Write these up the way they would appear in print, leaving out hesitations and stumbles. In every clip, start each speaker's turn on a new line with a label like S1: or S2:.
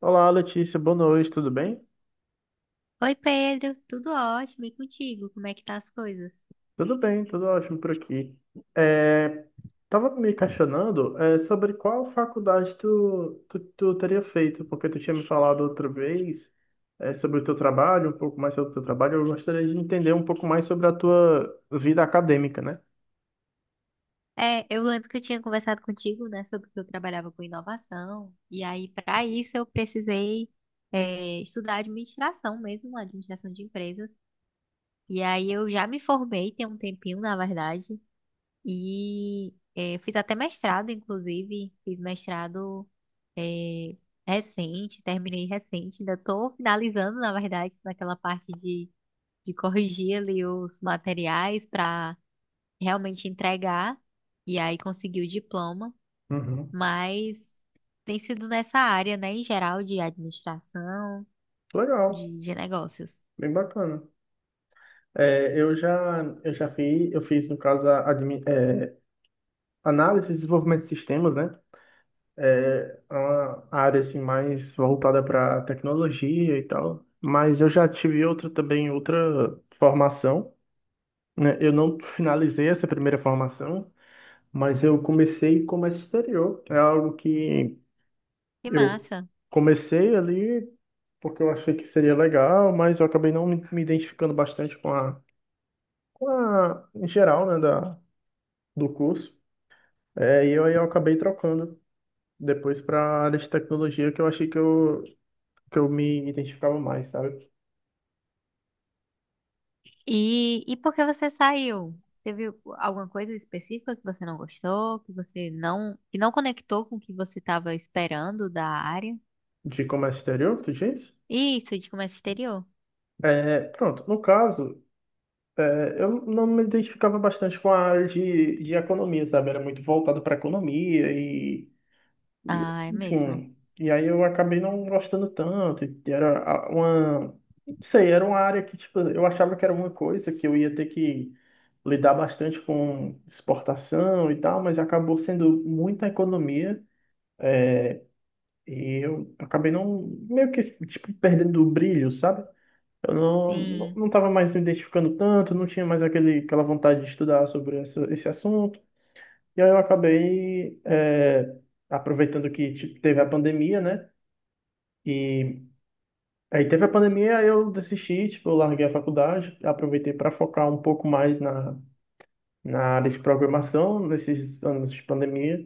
S1: Olá, Letícia, boa noite, tudo bem?
S2: Oi, Pedro, tudo ótimo e contigo? Como é que tá as coisas?
S1: Tudo bem, tudo ótimo por aqui. É, tava me questionando, sobre qual faculdade tu teria feito, porque tu tinha me falado outra vez, sobre o teu trabalho, um pouco mais sobre o teu trabalho. Eu gostaria de entender um pouco mais sobre a tua vida acadêmica, né?
S2: É, eu lembro que eu tinha conversado contigo, né, sobre que eu trabalhava com inovação, e aí para isso eu precisei estudar administração mesmo, administração de empresas. E aí eu já me formei tem um tempinho, na verdade, e fiz até mestrado, inclusive, fiz mestrado é, recente, terminei recente, ainda estou finalizando, na verdade, naquela parte de corrigir ali os materiais para realmente entregar e aí conseguir o diploma,
S1: Uhum.
S2: mas tem sido nessa área, né, em geral de administração,
S1: Legal,
S2: de negócios.
S1: bem bacana. Eu fiz, no caso, análise e desenvolvimento de sistemas, né? É uma área assim mais voltada para tecnologia e tal, mas eu já tive outra também, outra formação, né? Eu não finalizei essa primeira formação, mas eu comecei comércio exterior. É algo que
S2: Que
S1: eu
S2: massa.
S1: comecei ali porque eu achei que seria legal, mas eu acabei não me identificando bastante com a, em geral, né, do curso. Aí eu acabei trocando depois para a área de tecnologia, que eu achei que eu me identificava mais, sabe?
S2: E por que você saiu? Teve alguma coisa específica que você não gostou, que você não, que não conectou com o que você estava esperando da área?
S1: De comércio exterior, tu diz?
S2: Isso, de comércio exterior.
S1: Pronto, no caso, eu não me identificava bastante com a área de economia, sabe? Era muito voltado para economia e,
S2: Ah, é mesmo.
S1: enfim. E aí eu acabei não gostando tanto. E era uma. Não sei, era uma área que, tipo, eu achava que era uma coisa que eu ia ter que lidar bastante com exportação e tal, mas acabou sendo muita economia. E eu acabei não, meio que, tipo, perdendo o brilho, sabe? Eu não, não,
S2: Sim.
S1: não tava mais me identificando tanto, não tinha mais aquele, aquela vontade de estudar sobre essa, esse assunto. E aí eu acabei, aproveitando que, tipo, teve a pandemia, né? E aí teve a pandemia, aí eu desisti, tipo, eu larguei a faculdade, aproveitei para focar um pouco mais na, área de programação nesses anos de pandemia.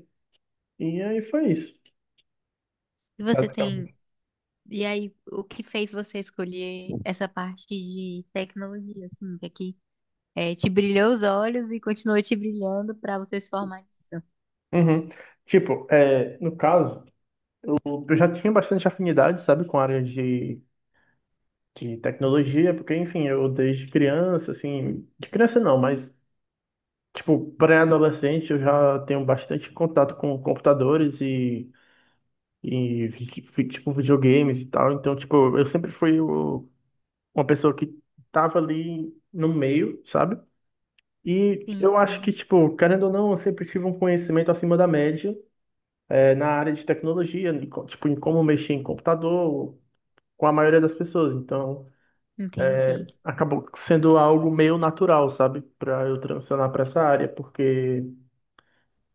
S1: E aí foi isso,
S2: E você tem.
S1: basicamente.
S2: E aí, o que fez você escolher essa parte de tecnologia, assim, que aqui te brilhou os olhos e continua te brilhando para você se formar?
S1: Uhum. Tipo, no caso. Eu já tinha bastante afinidade, sabe, com a área de tecnologia, porque, enfim, eu desde criança, assim, de criança não, mas, tipo, pré-adolescente eu já tenho bastante contato com computadores e tipo, videogames e tal, então, tipo, eu sempre fui uma pessoa que tava ali no meio, sabe? E
S2: Sim,
S1: eu acho
S2: sim,
S1: que, tipo, querendo ou não, eu sempre tive um conhecimento acima da média, na área de tecnologia, tipo, em como mexer em computador, com a maioria das pessoas. Então,
S2: entendi.
S1: acabou sendo algo meio natural, sabe, para eu transicionar para essa área, porque,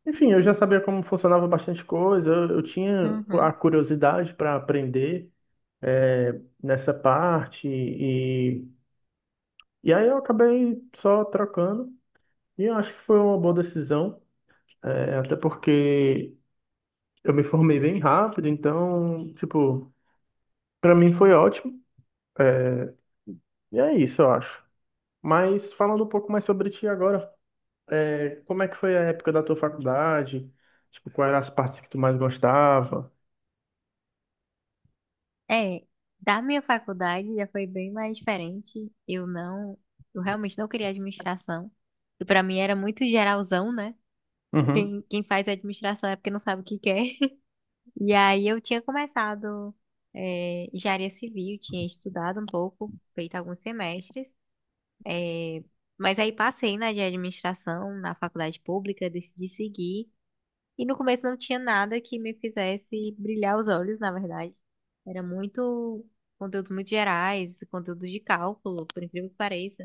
S1: enfim, eu já sabia como funcionava bastante coisa, eu tinha a
S2: Uhum.
S1: curiosidade para aprender nessa parte e aí eu acabei só trocando e eu acho que foi uma boa decisão, até porque eu me formei bem rápido, então, tipo, para mim foi ótimo e é isso, eu acho. Mas falando um pouco mais sobre ti agora. Como é que foi a época da tua faculdade? Tipo, quais eram as partes que tu mais gostava?
S2: É, da minha faculdade já foi bem mais diferente. Eu não, eu realmente não queria administração. E para mim era muito geralzão, né?
S1: Uhum,
S2: Quem faz administração é porque não sabe o que quer. E aí eu tinha começado engenharia civil, tinha estudado um pouco, feito alguns semestres. É, mas aí passei na de administração, na faculdade pública, decidi seguir. E no começo não tinha nada que me fizesse brilhar os olhos, na verdade. Era muito conteúdos muito gerais, conteúdos de cálculo, por incrível que pareça.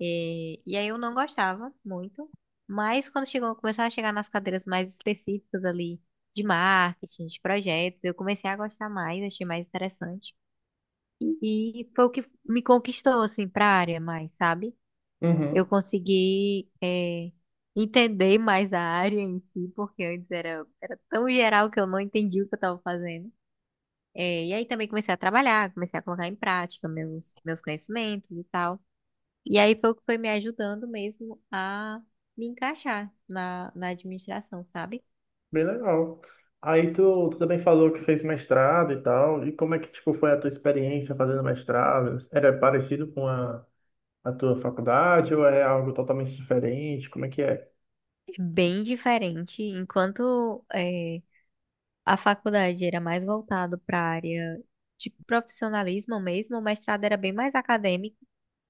S2: É, e aí eu não gostava muito. Mas quando chegou, começava a chegar nas cadeiras mais específicas ali de marketing, de projetos, eu comecei a gostar mais, achei mais interessante. E foi o que me conquistou, assim, para a área mais, sabe? Eu
S1: uhum.
S2: consegui, entender mais a área em si, porque antes era, era tão geral que eu não entendia o que eu estava fazendo. E aí também comecei a trabalhar, comecei a colocar em prática meus conhecimentos e tal. E aí foi o que foi me ajudando mesmo a me encaixar na, na administração, sabe?
S1: Bem legal. Aí tu também falou que fez mestrado e tal. E como é que, tipo, foi a tua experiência fazendo mestrado? Era parecido com a tua faculdade ou é algo totalmente diferente? Como é que é?
S2: É bem diferente. Enquanto a faculdade era mais voltado para a área de profissionalismo mesmo, o mestrado era bem mais acadêmico.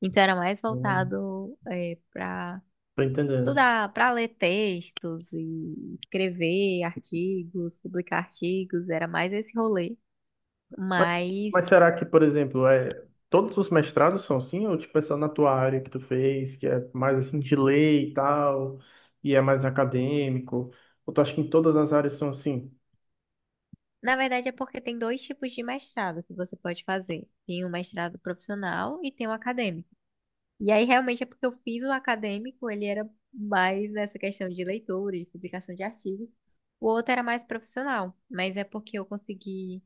S2: Então era mais
S1: Não
S2: voltado para
S1: tô entendendo.
S2: estudar, para ler textos e escrever artigos, publicar artigos, era mais esse rolê.
S1: Mas,
S2: Mas
S1: mas será que, por exemplo, todos os mestrados são assim? Ou tipo, é só na tua área que tu fez, que é mais assim de lei e tal, e é mais acadêmico? Ou tu acha que em todas as áreas são assim?
S2: na verdade é porque tem dois tipos de mestrado que você pode fazer. Tem o mestrado profissional e tem o acadêmico. E aí realmente é porque eu fiz o acadêmico, ele era mais nessa questão de leitura, de publicação de artigos. O outro era mais profissional, mas é porque eu consegui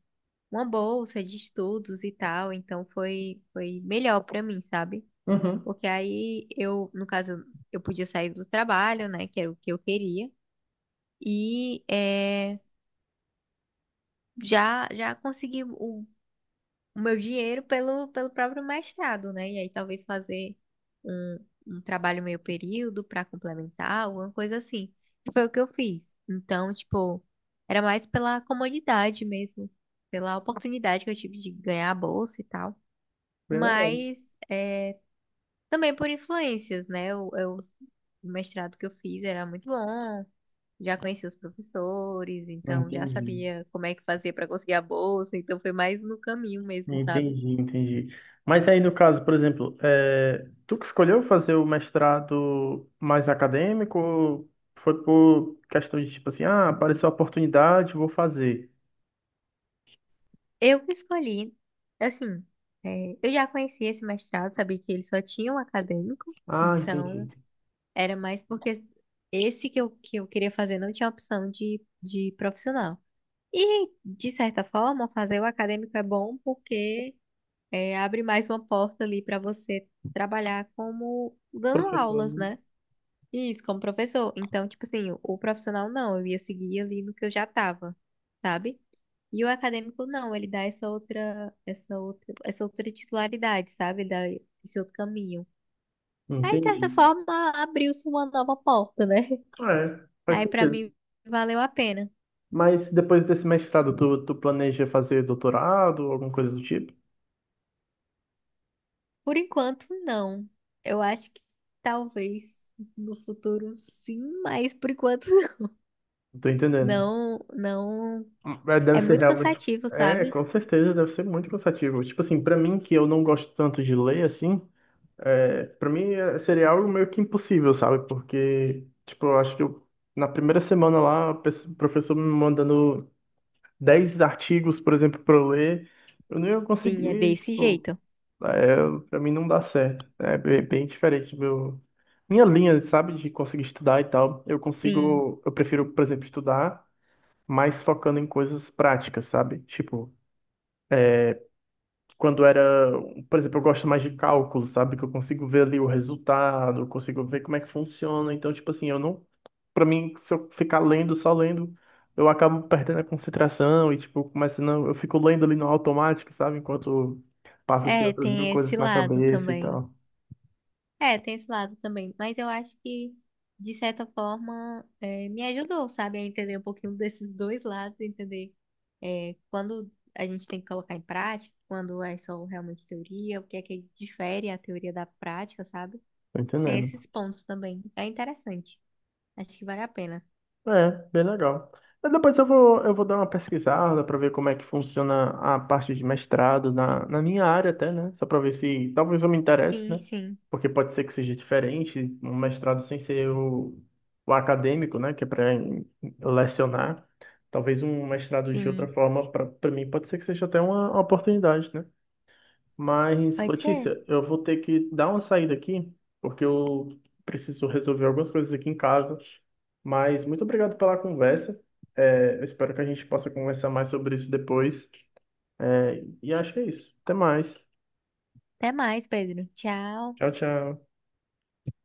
S2: uma bolsa de estudos e tal, então foi melhor pra mim, sabe?
S1: Uhum,
S2: Porque aí eu, no caso, eu podia sair do trabalho, né, que era o que eu queria, e já consegui o meu dinheiro pelo próprio mestrado, né? E aí talvez fazer um, um trabalho meio período pra complementar, alguma coisa assim. E foi o que eu fiz. Então, tipo, era mais pela comodidade mesmo, pela oportunidade que eu tive de ganhar a bolsa e tal.
S1: bem legal.
S2: Mas é, também por influências, né? O mestrado que eu fiz era muito bom, já conheci os professores, então já
S1: Entendi,
S2: sabia como é que fazia para conseguir a bolsa, então foi mais no caminho mesmo, sabe?
S1: entendi, entendi. Mas aí no caso, por exemplo, tu que escolheu fazer o mestrado mais acadêmico, ou foi por questão de tipo assim, ah, apareceu a oportunidade, vou fazer.
S2: Eu que escolhi, assim, eu já conhecia esse mestrado, sabia que ele só tinha um acadêmico,
S1: Ah,
S2: então
S1: entendi.
S2: era mais porque esse que eu queria fazer não tinha opção de profissional. E, de certa forma, fazer o acadêmico é bom porque abre mais uma porta ali para você trabalhar como dando
S1: Professor,
S2: aulas,
S1: né?
S2: né? Isso, como professor. Então, tipo assim, o profissional não, eu ia seguir ali no que eu já tava, sabe? E o acadêmico não, ele dá essa outra titularidade, sabe? Ele dá esse outro caminho. Aí, de
S1: Entendi.
S2: certa forma, abriu-se uma nova porta, né?
S1: É, faz
S2: Aí, pra
S1: sentido.
S2: mim, valeu a pena.
S1: Mas depois desse mestrado, tu planeja fazer doutorado ou alguma coisa do tipo?
S2: Por enquanto, não. Eu acho que talvez no futuro sim, mas por enquanto
S1: Não tô entendendo.
S2: não, não.
S1: É, deve
S2: É
S1: ser
S2: muito
S1: realmente.
S2: cansativo,
S1: É,
S2: sabe?
S1: com certeza, deve ser muito cansativo. Tipo assim, pra mim, que eu não gosto tanto de ler, assim, pra mim seria algo meio que impossível, sabe? Porque, tipo, eu acho que eu, na primeira semana lá, o professor me mandando 10 artigos, por exemplo, pra eu ler, eu não ia
S2: Sim, é
S1: conseguir,
S2: desse
S1: tipo.
S2: jeito.
S1: É, para mim não dá certo. É bem, bem diferente meu minha linha, sabe, de conseguir estudar e tal. Eu
S2: Sim.
S1: consigo, eu prefiro, por exemplo, estudar mais focando em coisas práticas, sabe? Tipo, quando era, por exemplo, eu gosto mais de cálculo, sabe, que eu consigo ver ali o resultado, eu consigo ver como é que funciona. Então, tipo assim, eu não, para mim, se eu ficar lendo, só lendo, eu acabo perdendo a concentração e tipo, começando, eu fico lendo ali no automático, sabe, enquanto passa assim
S2: É,
S1: outras mil
S2: tem esse
S1: coisas na
S2: lado
S1: cabeça e
S2: também.
S1: tal.
S2: É, tem esse lado também. Mas eu acho que, de certa forma, me ajudou, sabe, a entender um pouquinho desses dois lados, entender quando a gente tem que colocar em prática, quando é só realmente teoria, o que é que difere a teoria da prática, sabe?
S1: Tô
S2: Tem
S1: entendendo.
S2: esses pontos também. É interessante. Acho que vale a pena.
S1: É, bem legal. Mas depois eu vou, dar uma pesquisada para ver como é que funciona a parte de mestrado na, minha área até, né? Só para ver se talvez eu me interesse,
S2: Sim,
S1: né?
S2: sim,
S1: Porque pode ser que seja diferente, um mestrado sem ser o acadêmico, né? Que é para lecionar. Talvez um mestrado de outra
S2: sim.
S1: forma, para mim, pode ser que seja até uma oportunidade, né? Mas,
S2: Pode ser.
S1: Letícia, eu vou ter que dar uma saída aqui, porque eu preciso resolver algumas coisas aqui em casa. Mas muito obrigado pela conversa. Eu espero que a gente possa conversar mais sobre isso depois. E acho que é isso. Até mais.
S2: Até mais, Pedro. Tchau.
S1: Tchau, tchau.